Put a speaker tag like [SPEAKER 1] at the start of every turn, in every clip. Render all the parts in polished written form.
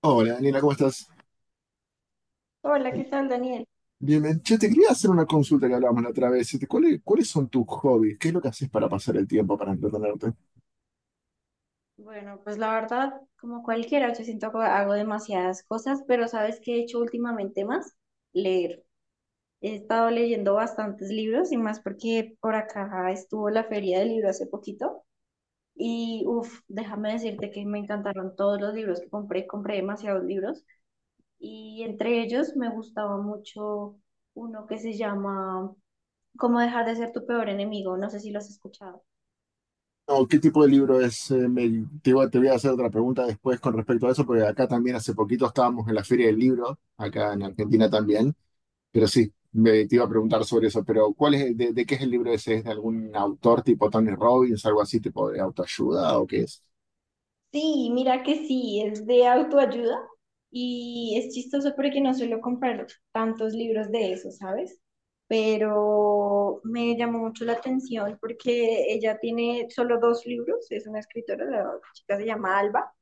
[SPEAKER 1] Hola, Daniela, ¿cómo estás?
[SPEAKER 2] Hola, ¿qué tal, Daniel?
[SPEAKER 1] Bien, bien. Che, te quería hacer una consulta que hablábamos la otra vez. ¿Cuál cuáles son tus hobbies? ¿Qué es lo que haces para pasar el tiempo, para entretenerte?
[SPEAKER 2] Bueno, pues la verdad, como cualquiera, yo siento que hago demasiadas cosas, pero ¿sabes qué he hecho últimamente más? Leer. He estado leyendo bastantes libros y más porque por acá estuvo la feria del libro hace poquito y uff, déjame decirte que me encantaron todos los libros que compré demasiados libros y entre ellos me gustaba mucho uno que se llama Cómo dejar de ser tu peor enemigo, no sé si lo has escuchado.
[SPEAKER 1] No, ¿qué tipo de libro es? Voy a hacer otra pregunta después con respecto a eso, porque acá también hace poquito estábamos en la Feria del Libro, acá en Argentina también. Pero sí, te iba a preguntar sobre eso. Pero ¿cuál es, de qué es el libro ese? ¿Es de algún autor tipo Tony Robbins, algo así, tipo de autoayuda o qué es?
[SPEAKER 2] Sí, mira que sí, es de autoayuda y es chistoso porque no suelo comprar tantos libros de eso, ¿sabes? Pero me llamó mucho la atención porque ella tiene solo dos libros, es una escritora, la chica se llama Alba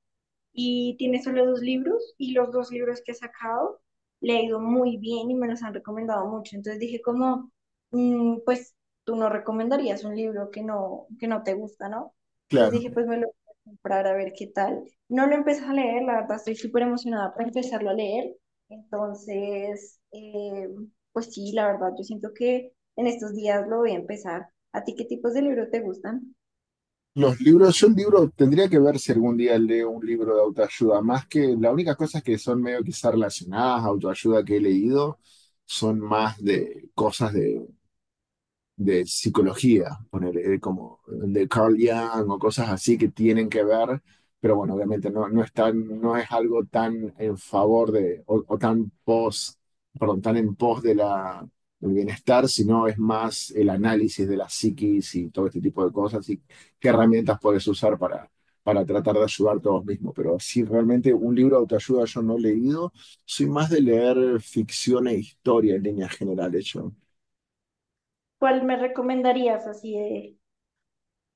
[SPEAKER 2] y tiene solo dos libros y los dos libros que he sacado le ha ido muy bien y me los han recomendado mucho. Entonces dije como, pues tú no recomendarías un libro que no te gusta, ¿no? Entonces dije, pues me lo voy a comprar a ver qué tal. No lo empecé a leer, la verdad estoy súper emocionada para empezarlo a leer. Entonces, pues sí, la verdad yo siento que en estos días lo voy a empezar. ¿A ti qué tipos de libros te gustan?
[SPEAKER 1] Los libros, tendría que ver si algún día leo un libro de autoayuda, más que la única cosa que son medio quizás relacionadas, autoayuda que he leído, son más de cosas de psicología, poner como de Carl Jung o cosas así que tienen que ver, pero bueno, obviamente no, no es algo tan en favor de, o tan pos, perdón, tan en pos de del bienestar, sino es más el análisis de la psiquis y todo este tipo de cosas y qué herramientas puedes usar para tratar de ayudarte a vos mismo. Pero sí, realmente un libro de autoayuda yo no he leído, soy más de leer ficción e historia en líneas generales. Yo
[SPEAKER 2] ¿Cuál me recomendarías así de,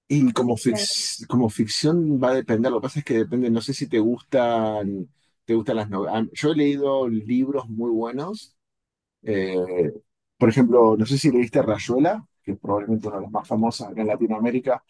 [SPEAKER 1] Y
[SPEAKER 2] de
[SPEAKER 1] como,
[SPEAKER 2] ficción?
[SPEAKER 1] como ficción va a depender, lo que pasa es que depende, no sé si te gustan, te gustan las novelas. Yo he leído libros muy buenos, eh, por ejemplo, no sé si leíste Rayuela, que es probablemente uno de los más famosos acá en Latinoamérica.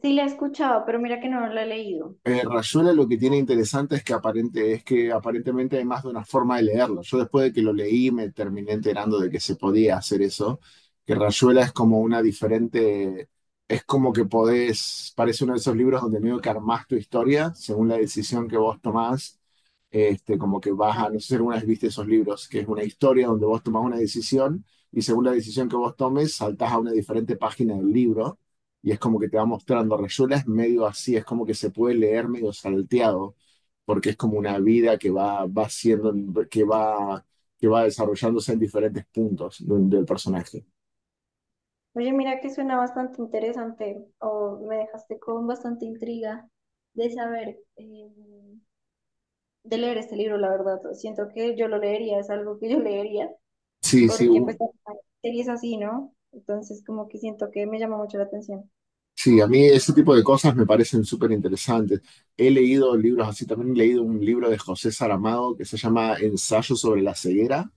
[SPEAKER 2] Sí, la he escuchado, pero mira que no la he leído.
[SPEAKER 1] Rayuela lo que tiene interesante es es que aparentemente hay más de una forma de leerlo. Yo después de que lo leí me terminé enterando de que se podía hacer eso, que Rayuela es como una diferente, es como que podés, parece uno de esos libros donde medio que armás tu historia según la decisión que vos tomás. Como que vas
[SPEAKER 2] Ah.
[SPEAKER 1] a, no sé si alguna vez viste esos libros, que es una historia donde vos tomás una decisión y según la decisión que vos tomes saltás a una diferente página del libro y es como que te va mostrando. Rayuela es medio así, es como que se puede leer medio salteado, porque es como una vida que va, va siendo, que va, que va desarrollándose en diferentes puntos del personaje.
[SPEAKER 2] Oye, mira que suena bastante interesante o me dejaste con bastante intriga de saber, de leer este libro, la verdad. Siento que yo lo leería, es algo que yo leería,
[SPEAKER 1] Sí, sí,
[SPEAKER 2] porque pues
[SPEAKER 1] u-
[SPEAKER 2] hay series así, ¿no? Entonces como que siento que me llama mucho la atención.
[SPEAKER 1] sí, a mí ese tipo de cosas me parecen súper interesantes. He leído libros así, también he leído un libro de José Saramago que se llama Ensayo sobre la ceguera.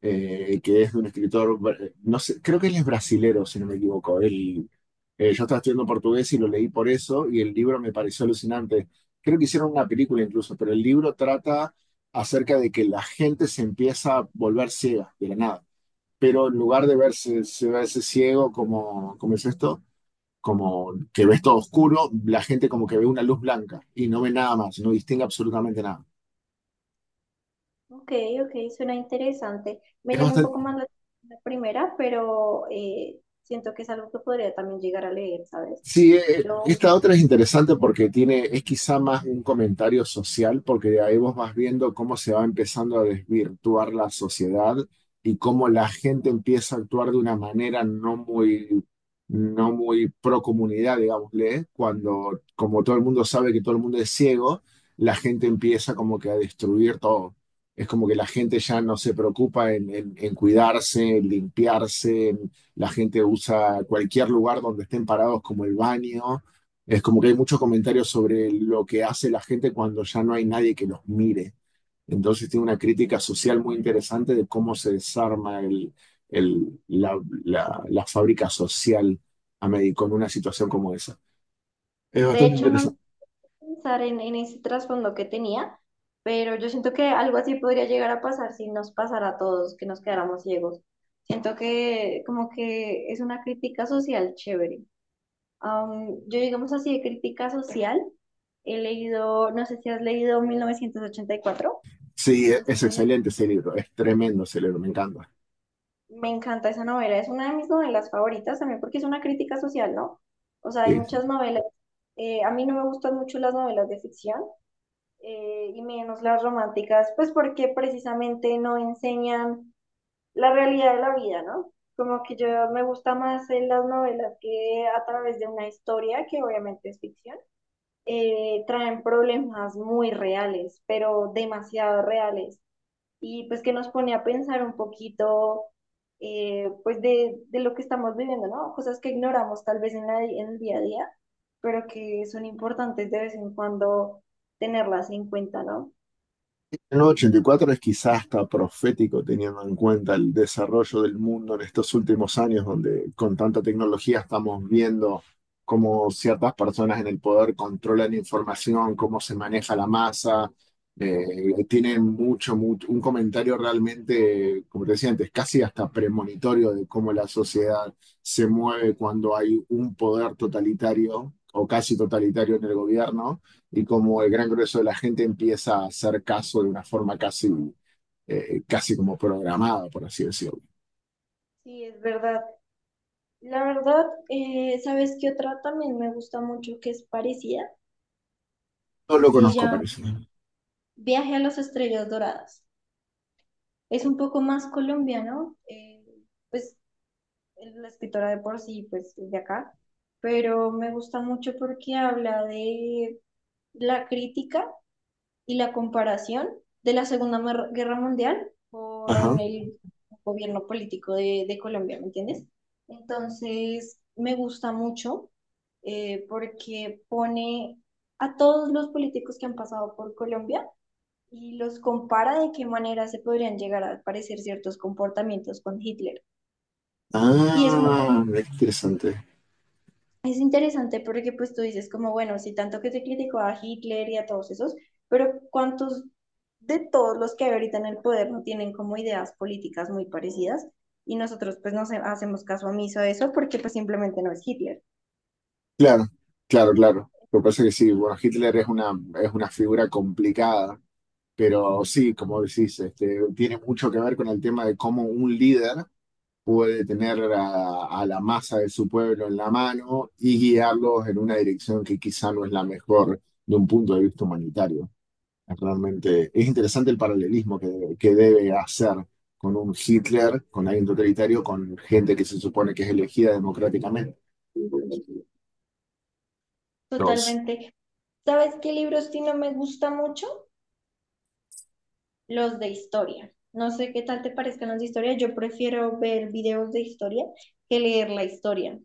[SPEAKER 1] Que es de un escritor, no sé, creo que él es brasilero, si no me equivoco. Yo estaba estudiando portugués y lo leí por eso, y el libro me pareció alucinante. Creo que hicieron una película incluso, pero el libro trata acerca de que la gente se empieza a volver ciega de la nada. Pero en lugar de se verse ciego, como, ¿cómo es esto? Como que ves todo oscuro, la gente como que ve una luz blanca y no ve nada más, no distingue absolutamente nada.
[SPEAKER 2] Ok, ok, suena interesante. Me
[SPEAKER 1] Es
[SPEAKER 2] llama un poco más la, la primera, pero siento que es algo que podría también llegar a leer, ¿sabes?
[SPEAKER 1] Sí,
[SPEAKER 2] Yo,
[SPEAKER 1] esta otra es interesante porque tiene, es quizá más un comentario social, porque ahí vos vas viendo cómo se va empezando a desvirtuar la sociedad y cómo la gente empieza a actuar de una manera no muy, no muy pro comunidad, digámosle, cuando como todo el mundo sabe que todo el mundo es ciego, la gente empieza como que a destruir todo. Es como que la gente ya no se preocupa en cuidarse, en limpiarse, la gente usa cualquier lugar donde estén parados como el baño. Es como que hay muchos comentarios sobre lo que hace la gente cuando ya no hay nadie que los mire. Entonces tiene una crítica social muy interesante de cómo se desarma el- la, la fábrica social con una situación como esa. Es
[SPEAKER 2] de
[SPEAKER 1] bastante
[SPEAKER 2] hecho, no
[SPEAKER 1] interesante.
[SPEAKER 2] pensar en ese trasfondo que tenía, pero yo siento que algo así podría llegar a pasar si nos pasara a todos, que nos quedáramos ciegos. Siento que como que es una crítica social chévere. Yo digamos así de crítica social, he leído, no sé si has leído 1984.
[SPEAKER 1] Sí,
[SPEAKER 2] es
[SPEAKER 1] es
[SPEAKER 2] una,
[SPEAKER 1] excelente ese libro, es tremendo ese libro, me encanta.
[SPEAKER 2] Me encanta esa novela, es una de mis novelas favoritas también porque es una crítica social, ¿no? O sea, hay
[SPEAKER 1] Sí.
[SPEAKER 2] muchas novelas, a mí no me gustan mucho las novelas de ficción, y menos las románticas, pues porque precisamente no enseñan la realidad de la vida, ¿no? Como que yo me gusta más en las novelas que a través de una historia, que obviamente es ficción, traen problemas muy reales, pero demasiado reales, y pues que nos pone a pensar un poquito, pues de lo que estamos viviendo, ¿no? Cosas que ignoramos tal vez en el día a día, pero que son importantes de vez en cuando tenerlas en cuenta, ¿no?
[SPEAKER 1] En El 84 es quizás hasta profético teniendo en cuenta el desarrollo del mundo en estos últimos años, donde con tanta tecnología estamos viendo cómo ciertas personas en el poder controlan información, cómo se maneja la masa. Tienen un comentario realmente, como te decía antes, casi hasta premonitorio de cómo la sociedad se mueve cuando hay un poder totalitario o casi totalitario en el gobierno y como el gran grueso de la gente empieza a hacer caso de una forma casi como programada, por así decirlo.
[SPEAKER 2] Sí, es verdad. La verdad, ¿sabes qué otra también me gusta mucho que es parecida?
[SPEAKER 1] No lo
[SPEAKER 2] Se
[SPEAKER 1] conozco,
[SPEAKER 2] llama
[SPEAKER 1] parece.
[SPEAKER 2] Viaje a las Estrellas Doradas. Es un poco más colombiano, pues la escritora de por sí, pues es de acá, pero me gusta mucho porque habla de la crítica y la comparación de la Segunda Guerra Mundial
[SPEAKER 1] Ajá.
[SPEAKER 2] con el gobierno político de Colombia, ¿me entiendes? Entonces, me gusta mucho porque pone a todos los políticos que han pasado por Colombia y los compara de qué manera se podrían llegar a parecer ciertos comportamientos con Hitler. Y es un
[SPEAKER 1] Ah, mira qué interesante.
[SPEAKER 2] Es interesante porque pues tú dices como, bueno, si tanto que se criticó a Hitler y a todos esos, pero ¿cuántos de todos los que hay ahorita en el poder no tienen como ideas políticas muy parecidas? Y nosotros pues no se- hacemos caso omiso a eso porque pues simplemente no es Hitler.
[SPEAKER 1] Claro, claro, claro. Lo que pasa es que sí, bueno, es una figura complicada, pero sí, como decís, tiene mucho que ver con el tema de cómo un líder puede tener a la masa de su pueblo en la mano y guiarlos en una dirección que quizá no es la mejor de un punto de vista humanitario. Realmente es interesante el paralelismo que debe hacer con un Hitler, con alguien totalitario, con gente que se supone que es elegida democráticamente. Dos.
[SPEAKER 2] Totalmente. ¿Sabes qué libros sí no me gusta mucho? Los de historia. No sé qué tal te parezcan los de historia, yo prefiero ver videos de historia que leer la historia.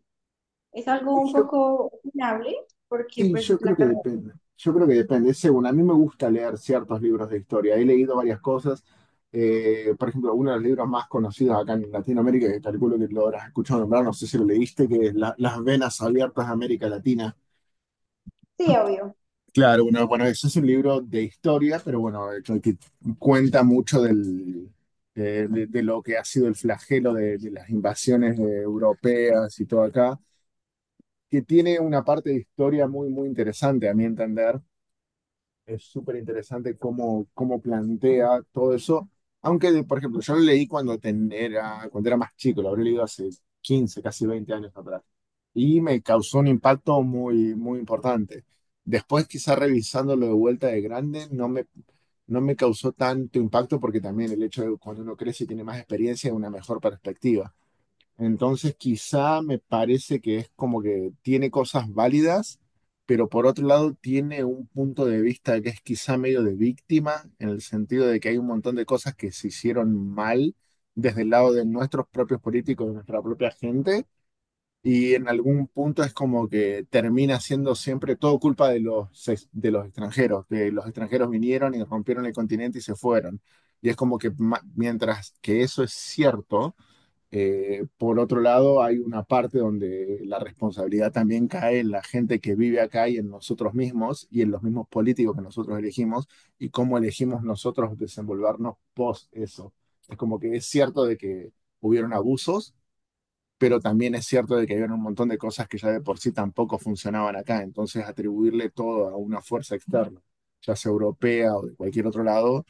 [SPEAKER 2] Es algo un
[SPEAKER 1] Yo,
[SPEAKER 2] poco opinable porque
[SPEAKER 1] sí,
[SPEAKER 2] pues
[SPEAKER 1] yo creo
[SPEAKER 2] la
[SPEAKER 1] que
[SPEAKER 2] carrera.
[SPEAKER 1] depende. Yo creo que depende. Es según, a mí me gusta leer ciertos libros de historia. He leído varias cosas. Por ejemplo, uno de los libros más conocidos acá en Latinoamérica, que calculo que lo habrás escuchado nombrar, no sé si lo leíste, que es Las venas abiertas de América Latina.
[SPEAKER 2] Sí, obvio.
[SPEAKER 1] Claro, bueno, bueno, eso es un libro de historia, pero bueno, que cuenta mucho de lo que ha sido el flagelo de las invasiones europeas y todo acá, que tiene una parte de historia muy, muy interesante, a mi entender, es súper interesante cómo, cómo plantea todo eso. Por ejemplo, yo lo leí cuando era más chico, lo habré leído hace 15 casi 20 años atrás. Y me causó un impacto muy, muy importante. Después, quizá revisándolo de vuelta de grande, no me causó tanto impacto porque también el hecho de cuando uno crece y tiene más experiencia, una mejor perspectiva. Entonces, quizá me parece que es como que tiene cosas válidas, pero por otro lado tiene un punto de vista que es quizá medio de víctima, en el sentido de que hay un montón de cosas que se hicieron mal desde el lado de nuestros propios políticos, de nuestra propia gente, y en algún punto es como que termina siendo siempre todo culpa de de los extranjeros, que los extranjeros vinieron y rompieron el continente y se fueron. Y es como que mientras que eso es cierto, por otro lado, hay una parte donde la responsabilidad también cae en la gente que vive acá y en nosotros mismos y en los mismos políticos que nosotros elegimos y cómo elegimos nosotros desenvolvernos post eso. Es como que es cierto de que hubieron abusos, pero también es cierto de que había un montón de cosas que ya de por sí tampoco funcionaban acá, entonces atribuirle todo a una fuerza externa, ya sea europea o de cualquier otro lado,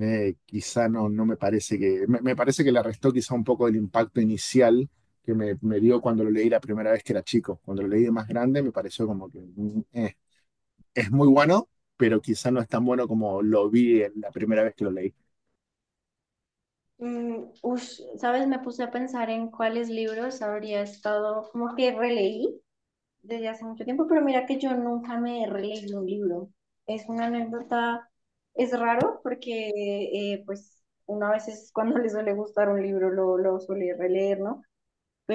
[SPEAKER 1] quizá no, no me parece me parece que le restó quizá un poco el impacto inicial que me dio cuando lo leí la primera vez que era chico, cuando lo leí de más grande me pareció como que es muy bueno, pero quizá no es tan bueno como lo vi en la primera vez que lo leí.
[SPEAKER 2] Ush, ¿sabes? Me puse a pensar en cuáles libros habría estado, como que releí desde hace mucho tiempo, pero mira que yo nunca me he releído un libro. Es una anécdota, es raro porque pues uno a veces cuando le suele gustar un libro lo suele releer, ¿no?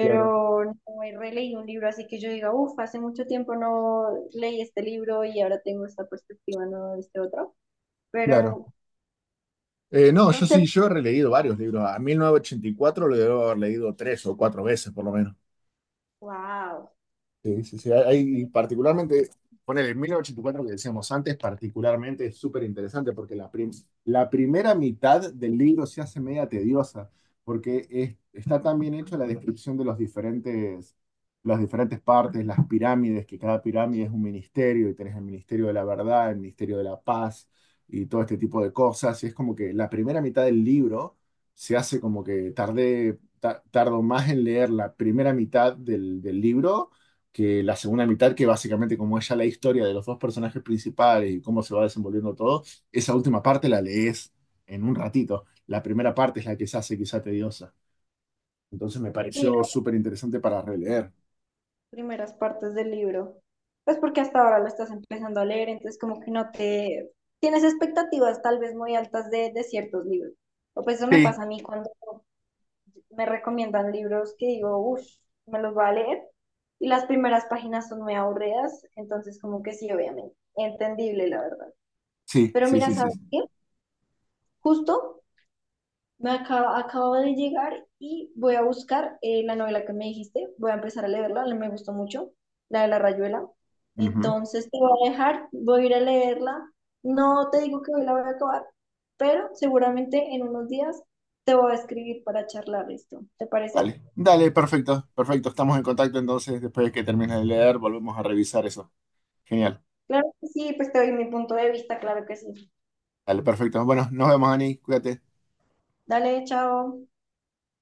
[SPEAKER 1] Claro,
[SPEAKER 2] no he releído un libro así que yo diga, uff, hace mucho tiempo no leí este libro y ahora tengo esta perspectiva, no este otro, pero
[SPEAKER 1] claro. No,
[SPEAKER 2] no sé,
[SPEAKER 1] yo he releído varios libros. A 1984 lo debo haber leído 3 o 4 veces, por lo menos.
[SPEAKER 2] wow,
[SPEAKER 1] Sí, sí, sí.
[SPEAKER 2] qué
[SPEAKER 1] Hay,
[SPEAKER 2] chévere.
[SPEAKER 1] particularmente, poner el 1984 que decíamos antes, particularmente es súper interesante porque la primera mitad del libro se hace media tediosa porque está tan bien hecha la descripción de los diferentes, las diferentes partes, las pirámides, que cada pirámide es un ministerio y tenés el Ministerio de la Verdad, el Ministerio de la Paz y todo este tipo de cosas. Y es como que la primera mitad del libro se hace como que tardo más en leer la primera mitad del libro que la segunda mitad, que básicamente como es ya la historia de los dos personajes principales y cómo se va desenvolviendo todo, esa última parte la lees en un ratito. La primera parte es la que se hace quizá tediosa. Entonces me
[SPEAKER 2] Sí,
[SPEAKER 1] pareció
[SPEAKER 2] las
[SPEAKER 1] súper interesante para releer.
[SPEAKER 2] primeras partes del libro, pues porque hasta ahora lo estás empezando a leer, entonces como que no te, tienes expectativas tal vez muy altas de ciertos libros, o pues eso me
[SPEAKER 1] Sí,
[SPEAKER 2] pasa a mí cuando me recomiendan libros que digo, uff, me los voy a leer. Y las primeras páginas son muy aburridas, entonces como que sí, obviamente, entendible la verdad.
[SPEAKER 1] sí,
[SPEAKER 2] Pero
[SPEAKER 1] sí,
[SPEAKER 2] mira,
[SPEAKER 1] sí, sí.
[SPEAKER 2] ¿sabes
[SPEAKER 1] Sí.
[SPEAKER 2] qué? Justo acabo de llegar y voy a buscar la novela que me dijiste, voy a empezar a leerla, me gustó mucho, la de La Rayuela.
[SPEAKER 1] Ujú.
[SPEAKER 2] Entonces te voy a dejar, voy a ir a leerla. No te digo que hoy la voy a acabar, pero seguramente en unos días te voy a escribir para charlar esto. ¿Te parece?
[SPEAKER 1] Dale, dale, perfecto, perfecto. Estamos en contacto entonces, después de que termines de leer, volvemos a revisar eso. Genial.
[SPEAKER 2] Claro que sí, pues te doy mi punto de vista, claro que sí.
[SPEAKER 1] Dale, perfecto. Bueno, nos vemos, Ani. Cuídate.
[SPEAKER 2] Dale, chao.